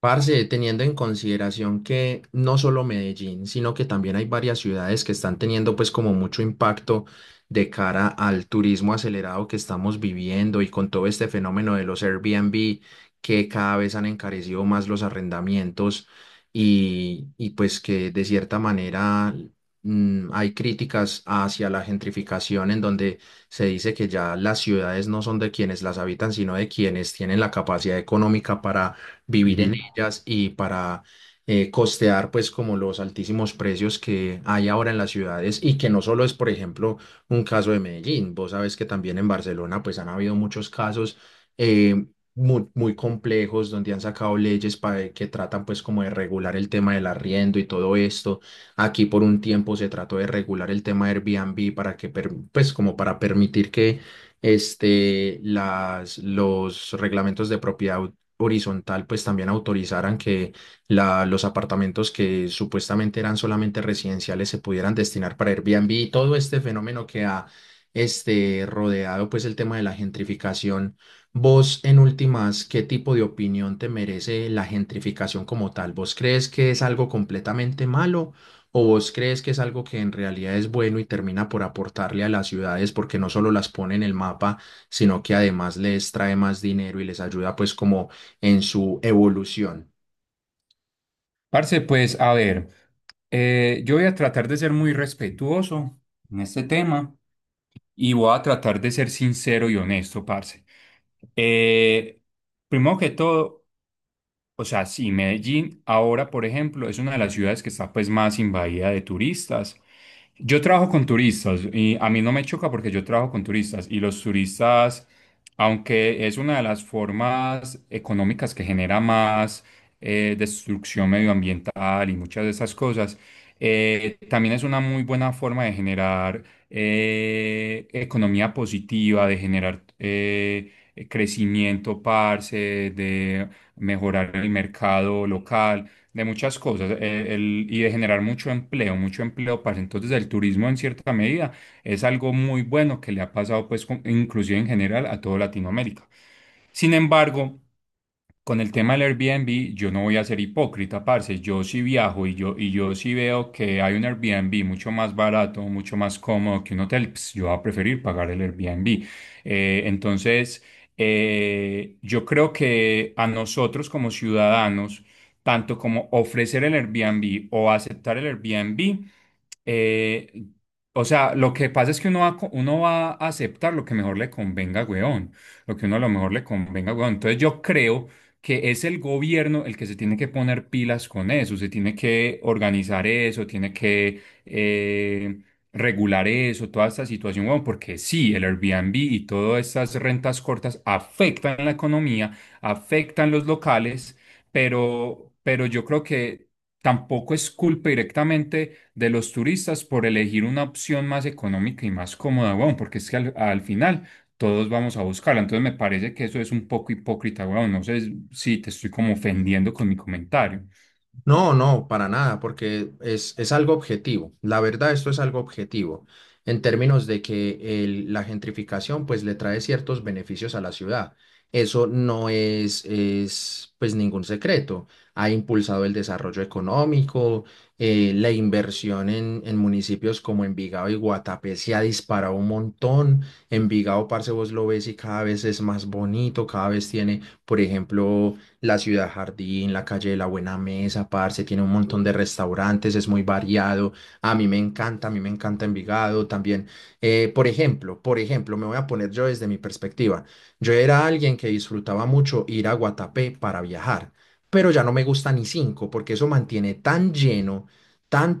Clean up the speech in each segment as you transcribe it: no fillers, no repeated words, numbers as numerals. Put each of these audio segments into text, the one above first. Parce, teniendo en consideración que no solo Medellín, sino que también hay varias ciudades que están teniendo pues como mucho impacto de cara al turismo acelerado que estamos viviendo y con todo este fenómeno de los Airbnb que cada vez han encarecido más los arrendamientos y pues que de cierta manera hay críticas hacia la gentrificación en donde se dice que ya las ciudades no son de quienes las habitan, sino de quienes tienen la capacidad económica para vivir en Ujú. ellas y para costear pues como los altísimos precios que hay ahora en las ciudades y que no solo es, por ejemplo, un caso de Medellín. Vos sabes que también en Barcelona pues han habido muchos casos eh, muy, muy complejos, donde han sacado leyes para que tratan pues como de regular el tema del arriendo y todo esto. Aquí por un tiempo se trató de regular el tema de Airbnb para que pues como para permitir que los reglamentos de propiedad horizontal pues también autorizaran que los apartamentos que supuestamente eran solamente residenciales se pudieran destinar para Airbnb y todo este fenómeno que ha rodeado pues el tema de la gentrificación. Vos, en últimas, ¿qué tipo de opinión te merece la gentrificación como tal? ¿Vos crees que es algo completamente malo o vos crees que es algo que en realidad es bueno y termina por aportarle a las ciudades, porque no solo las pone en el mapa, sino que además les trae más dinero y les ayuda pues como en su evolución? Parce, pues a ver, yo voy a tratar de ser muy respetuoso en este tema y voy a tratar de ser sincero y honesto, parce. Eh, Primero que todo, o sea, sí, Medellín ahora, por ejemplo, es una de las ciudades que está pues más invadida de turistas. Yo trabajo con turistas y a mí no me choca porque yo trabajo con turistas y los turistas, aunque es una de las formas económicas que genera más destrucción medioambiental y muchas de esas cosas, también es una muy buena forma de generar economía positiva, de generar crecimiento, parce, de mejorar el mercado local de muchas cosas, y de generar mucho empleo, mucho empleo, para entonces el turismo en cierta medida es algo muy bueno que le ha pasado pues inclusive en general a toda Latinoamérica. Sin embargo, con el tema del Airbnb, yo no voy a ser hipócrita, parce. Yo sí viajo y yo sí veo que hay un Airbnb mucho más barato, mucho más cómodo que un hotel. Pues, yo voy a preferir pagar el Airbnb. Eh, entonces, yo creo que a nosotros como ciudadanos, tanto como ofrecer el Airbnb o aceptar el Airbnb, eh, o sea, lo que pasa es que uno va a aceptar lo que mejor le convenga, weón. Lo que uno a lo mejor le convenga, weón. Entonces, yo creo que es el gobierno el que se tiene que poner pilas con eso, se tiene que organizar eso, tiene que regular eso, toda esta situación, weón, porque sí, el Airbnb y todas estas rentas cortas afectan la economía, afectan los locales, pero yo creo que tampoco es culpa directamente de los turistas por elegir una opción más económica y más cómoda, weón, porque es que al final todos vamos a buscarla. Entonces me parece que eso es un poco hipócrita, weón. No sé si te estoy como ofendiendo con mi comentario. No, no, para nada, porque es algo objetivo. La verdad, esto es algo objetivo, en términos de que la gentrificación pues le trae ciertos beneficios a la ciudad. Eso no es, es pues ningún secreto. Ha impulsado el desarrollo económico. La inversión en municipios como Envigado y Guatapé se ha disparado un montón. Envigado, parce, vos lo ves y cada vez es más bonito, cada vez tiene, por ejemplo, la Ciudad Jardín, la calle de la Buena Mesa, parce, tiene un montón de restaurantes, es muy variado. A mí me encanta, a mí me encanta Envigado también. Por ejemplo, por ejemplo, me voy a poner yo desde mi perspectiva. Yo era alguien que disfrutaba mucho ir a Guatapé para viajar, pero ya no me gusta ni cinco, porque eso mantiene tan lleno, tan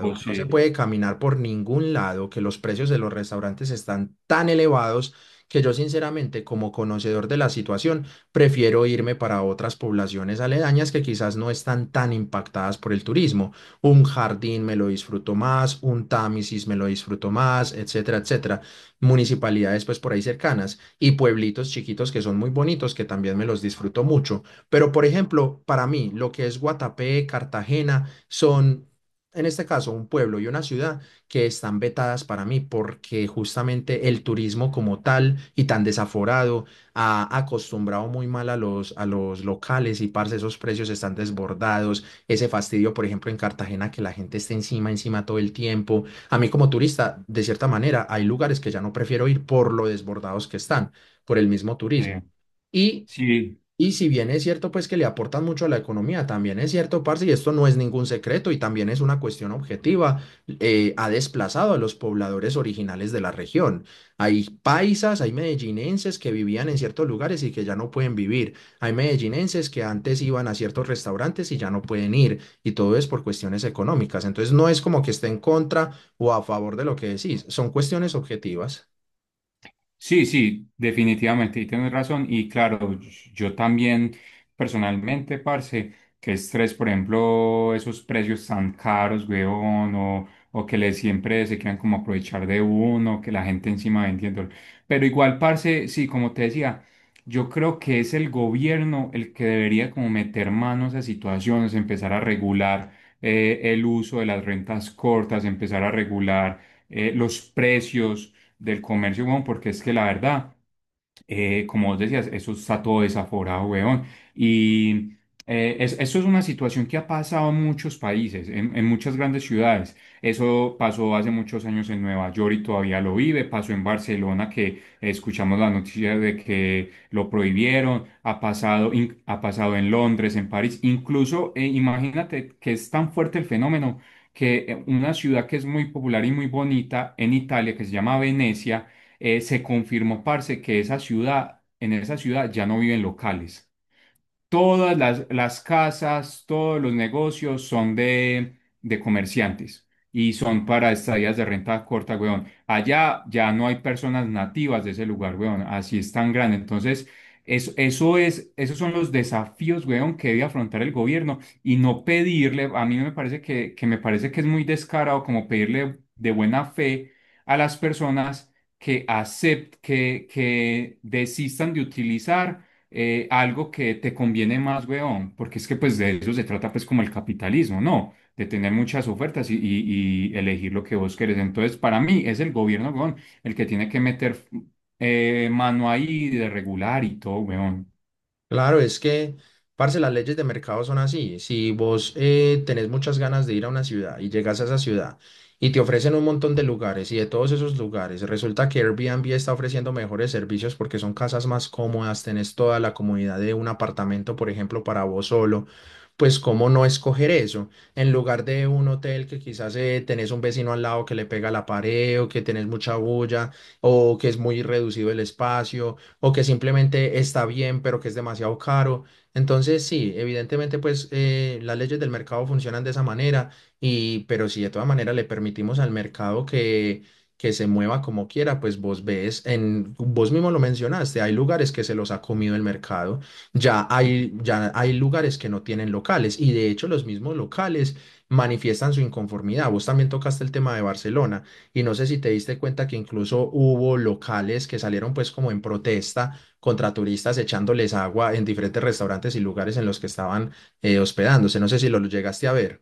O no. que no se si puede caminar por ningún lado, que los precios de los restaurantes están tan elevados que yo sinceramente, como conocedor de la situación, prefiero irme para otras poblaciones aledañas que quizás no están tan impactadas por el turismo. Un Jardín me lo disfruto más, un Támesis me lo disfruto más, etcétera, etcétera. Municipalidades pues por ahí cercanas y pueblitos chiquitos que son muy bonitos, que también me los disfruto mucho. Pero, por ejemplo, para mí lo que es Guatapé, Cartagena, son, en este caso, un pueblo y una ciudad que están vetadas para mí, porque justamente el turismo como tal y tan desaforado ha acostumbrado muy mal a los locales y, parce, esos precios están desbordados, ese fastidio, por ejemplo, en Cartagena, que la gente está encima, encima todo el tiempo. A mí, como turista, de cierta manera, hay lugares que ya no prefiero ir por lo desbordados que están, por el mismo eh, turismo. Y si y si bien es cierto pues que le aportan mucho a la economía, también es cierto, parce, y esto no es ningún secreto y también es una cuestión objetiva, ha desplazado a los pobladores originales de la región. Hay paisas, hay medellinenses que vivían en ciertos lugares y que ya no pueden vivir. Hay medellinenses que antes iban a ciertos restaurantes y ya no pueden ir. Y todo es por cuestiones económicas. Entonces, no es como que esté en contra o a favor de lo que decís, son cuestiones objetivas. sí, sí, definitivamente, y tienes razón. Y claro, yo también personalmente, parce, que estrés, por ejemplo, esos precios tan caros, weón, o que le siempre se quieran como aprovechar de uno, que la gente encima vendiendo. Pero igual, parce, sí, como te decía, yo creo que es el gobierno el que debería como meter manos a situaciones, empezar a regular el uso de las rentas cortas, empezar a regular los precios del comercio, weón, porque es que la verdad, como vos decías, eso está todo desaforado, weón. Y Eso es una situación que ha pasado en muchos países, en muchas grandes ciudades. Eso pasó hace muchos años en Nueva York y todavía lo vive, pasó en Barcelona, que escuchamos la noticia de que lo prohibieron, ha pasado, ha pasado en Londres, en París, incluso imagínate que es tan fuerte el fenómeno que una ciudad que es muy popular y muy bonita en Italia, que se llama Venecia, se confirmó, parce, que esa ciudad, en esa ciudad ya no viven locales. Todas las casas, todos los negocios son de comerciantes y son para estadías de renta corta, weón. Allá ya no hay personas nativas de ese lugar, weón. Así es tan grande. Entonces, esos son los desafíos, weón, que debe afrontar el gobierno y no pedirle, a mí no me parece que me parece que es muy descarado como pedirle de buena fe a las personas que acepten, que desistan de utilizar algo que te conviene más, weón, porque es que pues de eso se trata pues como el capitalismo, ¿no? De tener muchas ofertas y elegir lo que vos querés. Entonces, para mí es el gobierno, weón, el que tiene que meter mano ahí de regular y todo, weón. Claro, es que, parce, las leyes de mercado son así. Si vos tenés muchas ganas de ir a una ciudad y llegas a esa ciudad y te ofrecen un montón de lugares, y de todos esos lugares resulta que Airbnb está ofreciendo mejores servicios porque son casas más cómodas, tenés toda la comodidad de un apartamento, por ejemplo, para vos solo. Pues, cómo no escoger eso en lugar de un hotel, que quizás tenés un vecino al lado que le pega la pared, o que tenés mucha bulla, o que es muy reducido el espacio, o que simplemente está bien, pero que es demasiado caro. Entonces, sí, evidentemente, pues las leyes del mercado funcionan de esa manera, y, pero si de todas maneras le permitimos al mercado que se mueva como quiera, pues vos ves, vos mismo lo mencionaste, hay lugares que se los ha comido el mercado, ya hay lugares que no tienen locales, y de hecho los mismos locales manifiestan su inconformidad. Vos también tocaste el tema de Barcelona. Y no sé si te diste cuenta que incluso hubo locales que salieron pues como en protesta contra turistas, echándoles agua en diferentes restaurantes y lugares en los que estaban hospedándose. No sé si lo llegaste a ver.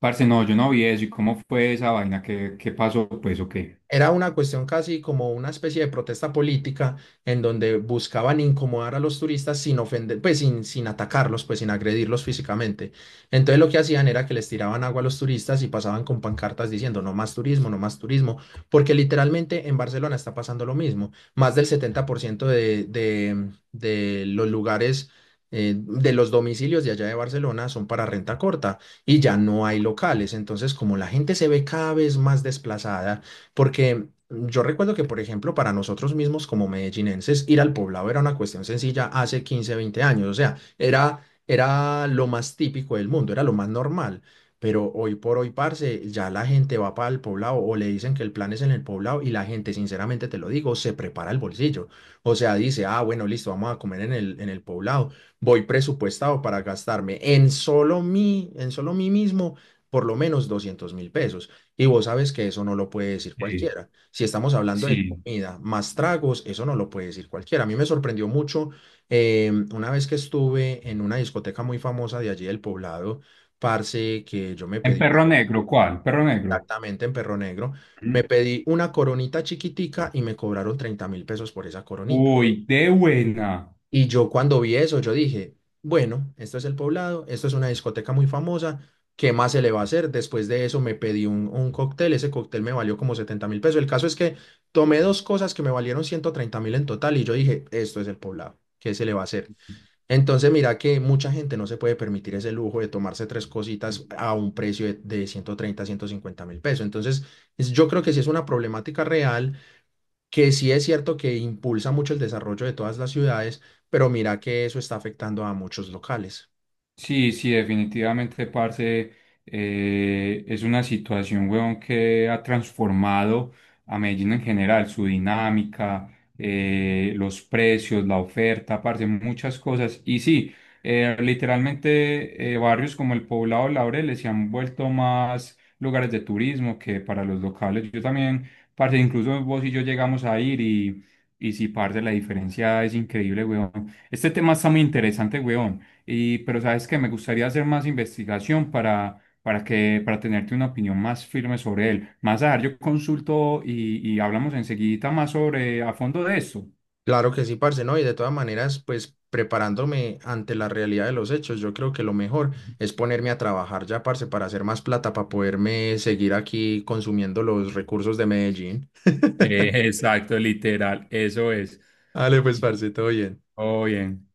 Parce, no, yo no vi eso. ¿Y cómo fue esa vaina? ¿Qué, qué pasó? Pues, ¿o qué? Era una cuestión casi como una especie de protesta política en donde buscaban incomodar a los turistas sin ofender, pues sin atacarlos, pues sin agredirlos físicamente. Entonces, lo que hacían era que les tiraban agua a los turistas y pasaban con pancartas diciendo no más turismo, no más turismo, porque literalmente en Barcelona está pasando lo mismo. Más del 70% de, de los lugares, de los domicilios de allá de Barcelona son para renta corta y ya no hay locales. Entonces, como la gente se ve cada vez más desplazada, porque yo recuerdo que, por ejemplo, para nosotros mismos como medellinenses, ir al Poblado era una cuestión sencilla hace 15 20 años. O sea, era, era lo más típico del mundo, era lo más normal. Pero hoy por hoy, parce, ya la gente va para el Poblado o le dicen que el plan es en el Poblado, y la gente, sinceramente te lo digo, se prepara el bolsillo. O sea, dice, ah, bueno, listo, vamos a comer en en el Poblado. Voy presupuestado para gastarme, en solo mí mismo, por lo menos 200.000 pesos. Y vos sabes que eso no lo puede decir Sí, cualquiera. Si estamos hablando de sí. comida más tragos, eso no lo puede decir cualquiera. A mí me sorprendió mucho una vez que estuve en una discoteca muy famosa de allí del Poblado, parce, que yo me ¿En pedí Perro Negro? ¿Cuál? ¿Perro Negro? exactamente en Perro Negro, me Ujú. pedí una coronita chiquitica y me cobraron 30.000 pesos por esa coronita. Uy, de buena. Y yo, cuando vi eso, yo dije, bueno, esto es El Poblado, esto es una discoteca muy famosa, ¿qué más se le va a hacer? Después de eso me pedí un cóctel, ese cóctel me valió como 70.000 pesos. El caso es que tomé dos cosas que me valieron 130.000 en total, y yo dije, esto es El Poblado, ¿qué se le va a hacer? Entonces, mira que mucha gente no se puede permitir ese lujo de tomarse tres cositas a un precio de, ciento treinta, 150.000 pesos. Entonces, yo creo que sí es una problemática real, que sí es cierto que impulsa mucho el desarrollo de todas las ciudades, pero mira que eso está afectando a muchos locales. Sí, sí, definitivamente, parce, es una situación, weón, que ha transformado a Medellín en general, su dinámica, los precios, la oferta, parce, muchas cosas. Y sí, literalmente, barrios como el Poblado, Laureles se han vuelto más lugares de turismo que para los locales. Yo también, parce, incluso vos y yo llegamos a ir y sí, parce, la diferencia es increíble, weón. Este tema está muy interesante, weón. Y, pero sabes que me gustaría hacer más investigación para tenerte una opinión más firme sobre él. Más a yo consulto y hablamos enseguida más sobre a fondo de esto. Claro que sí, parce, ¿no? Y de todas maneras, pues preparándome ante la realidad de los hechos, yo creo que lo mejor es ponerme a trabajar ya, parce, para hacer más plata, para poderme seguir aquí consumiendo los recursos de Medellín. Exacto, literal, eso es. Dale, pues, parce, todo bien. Todo bien.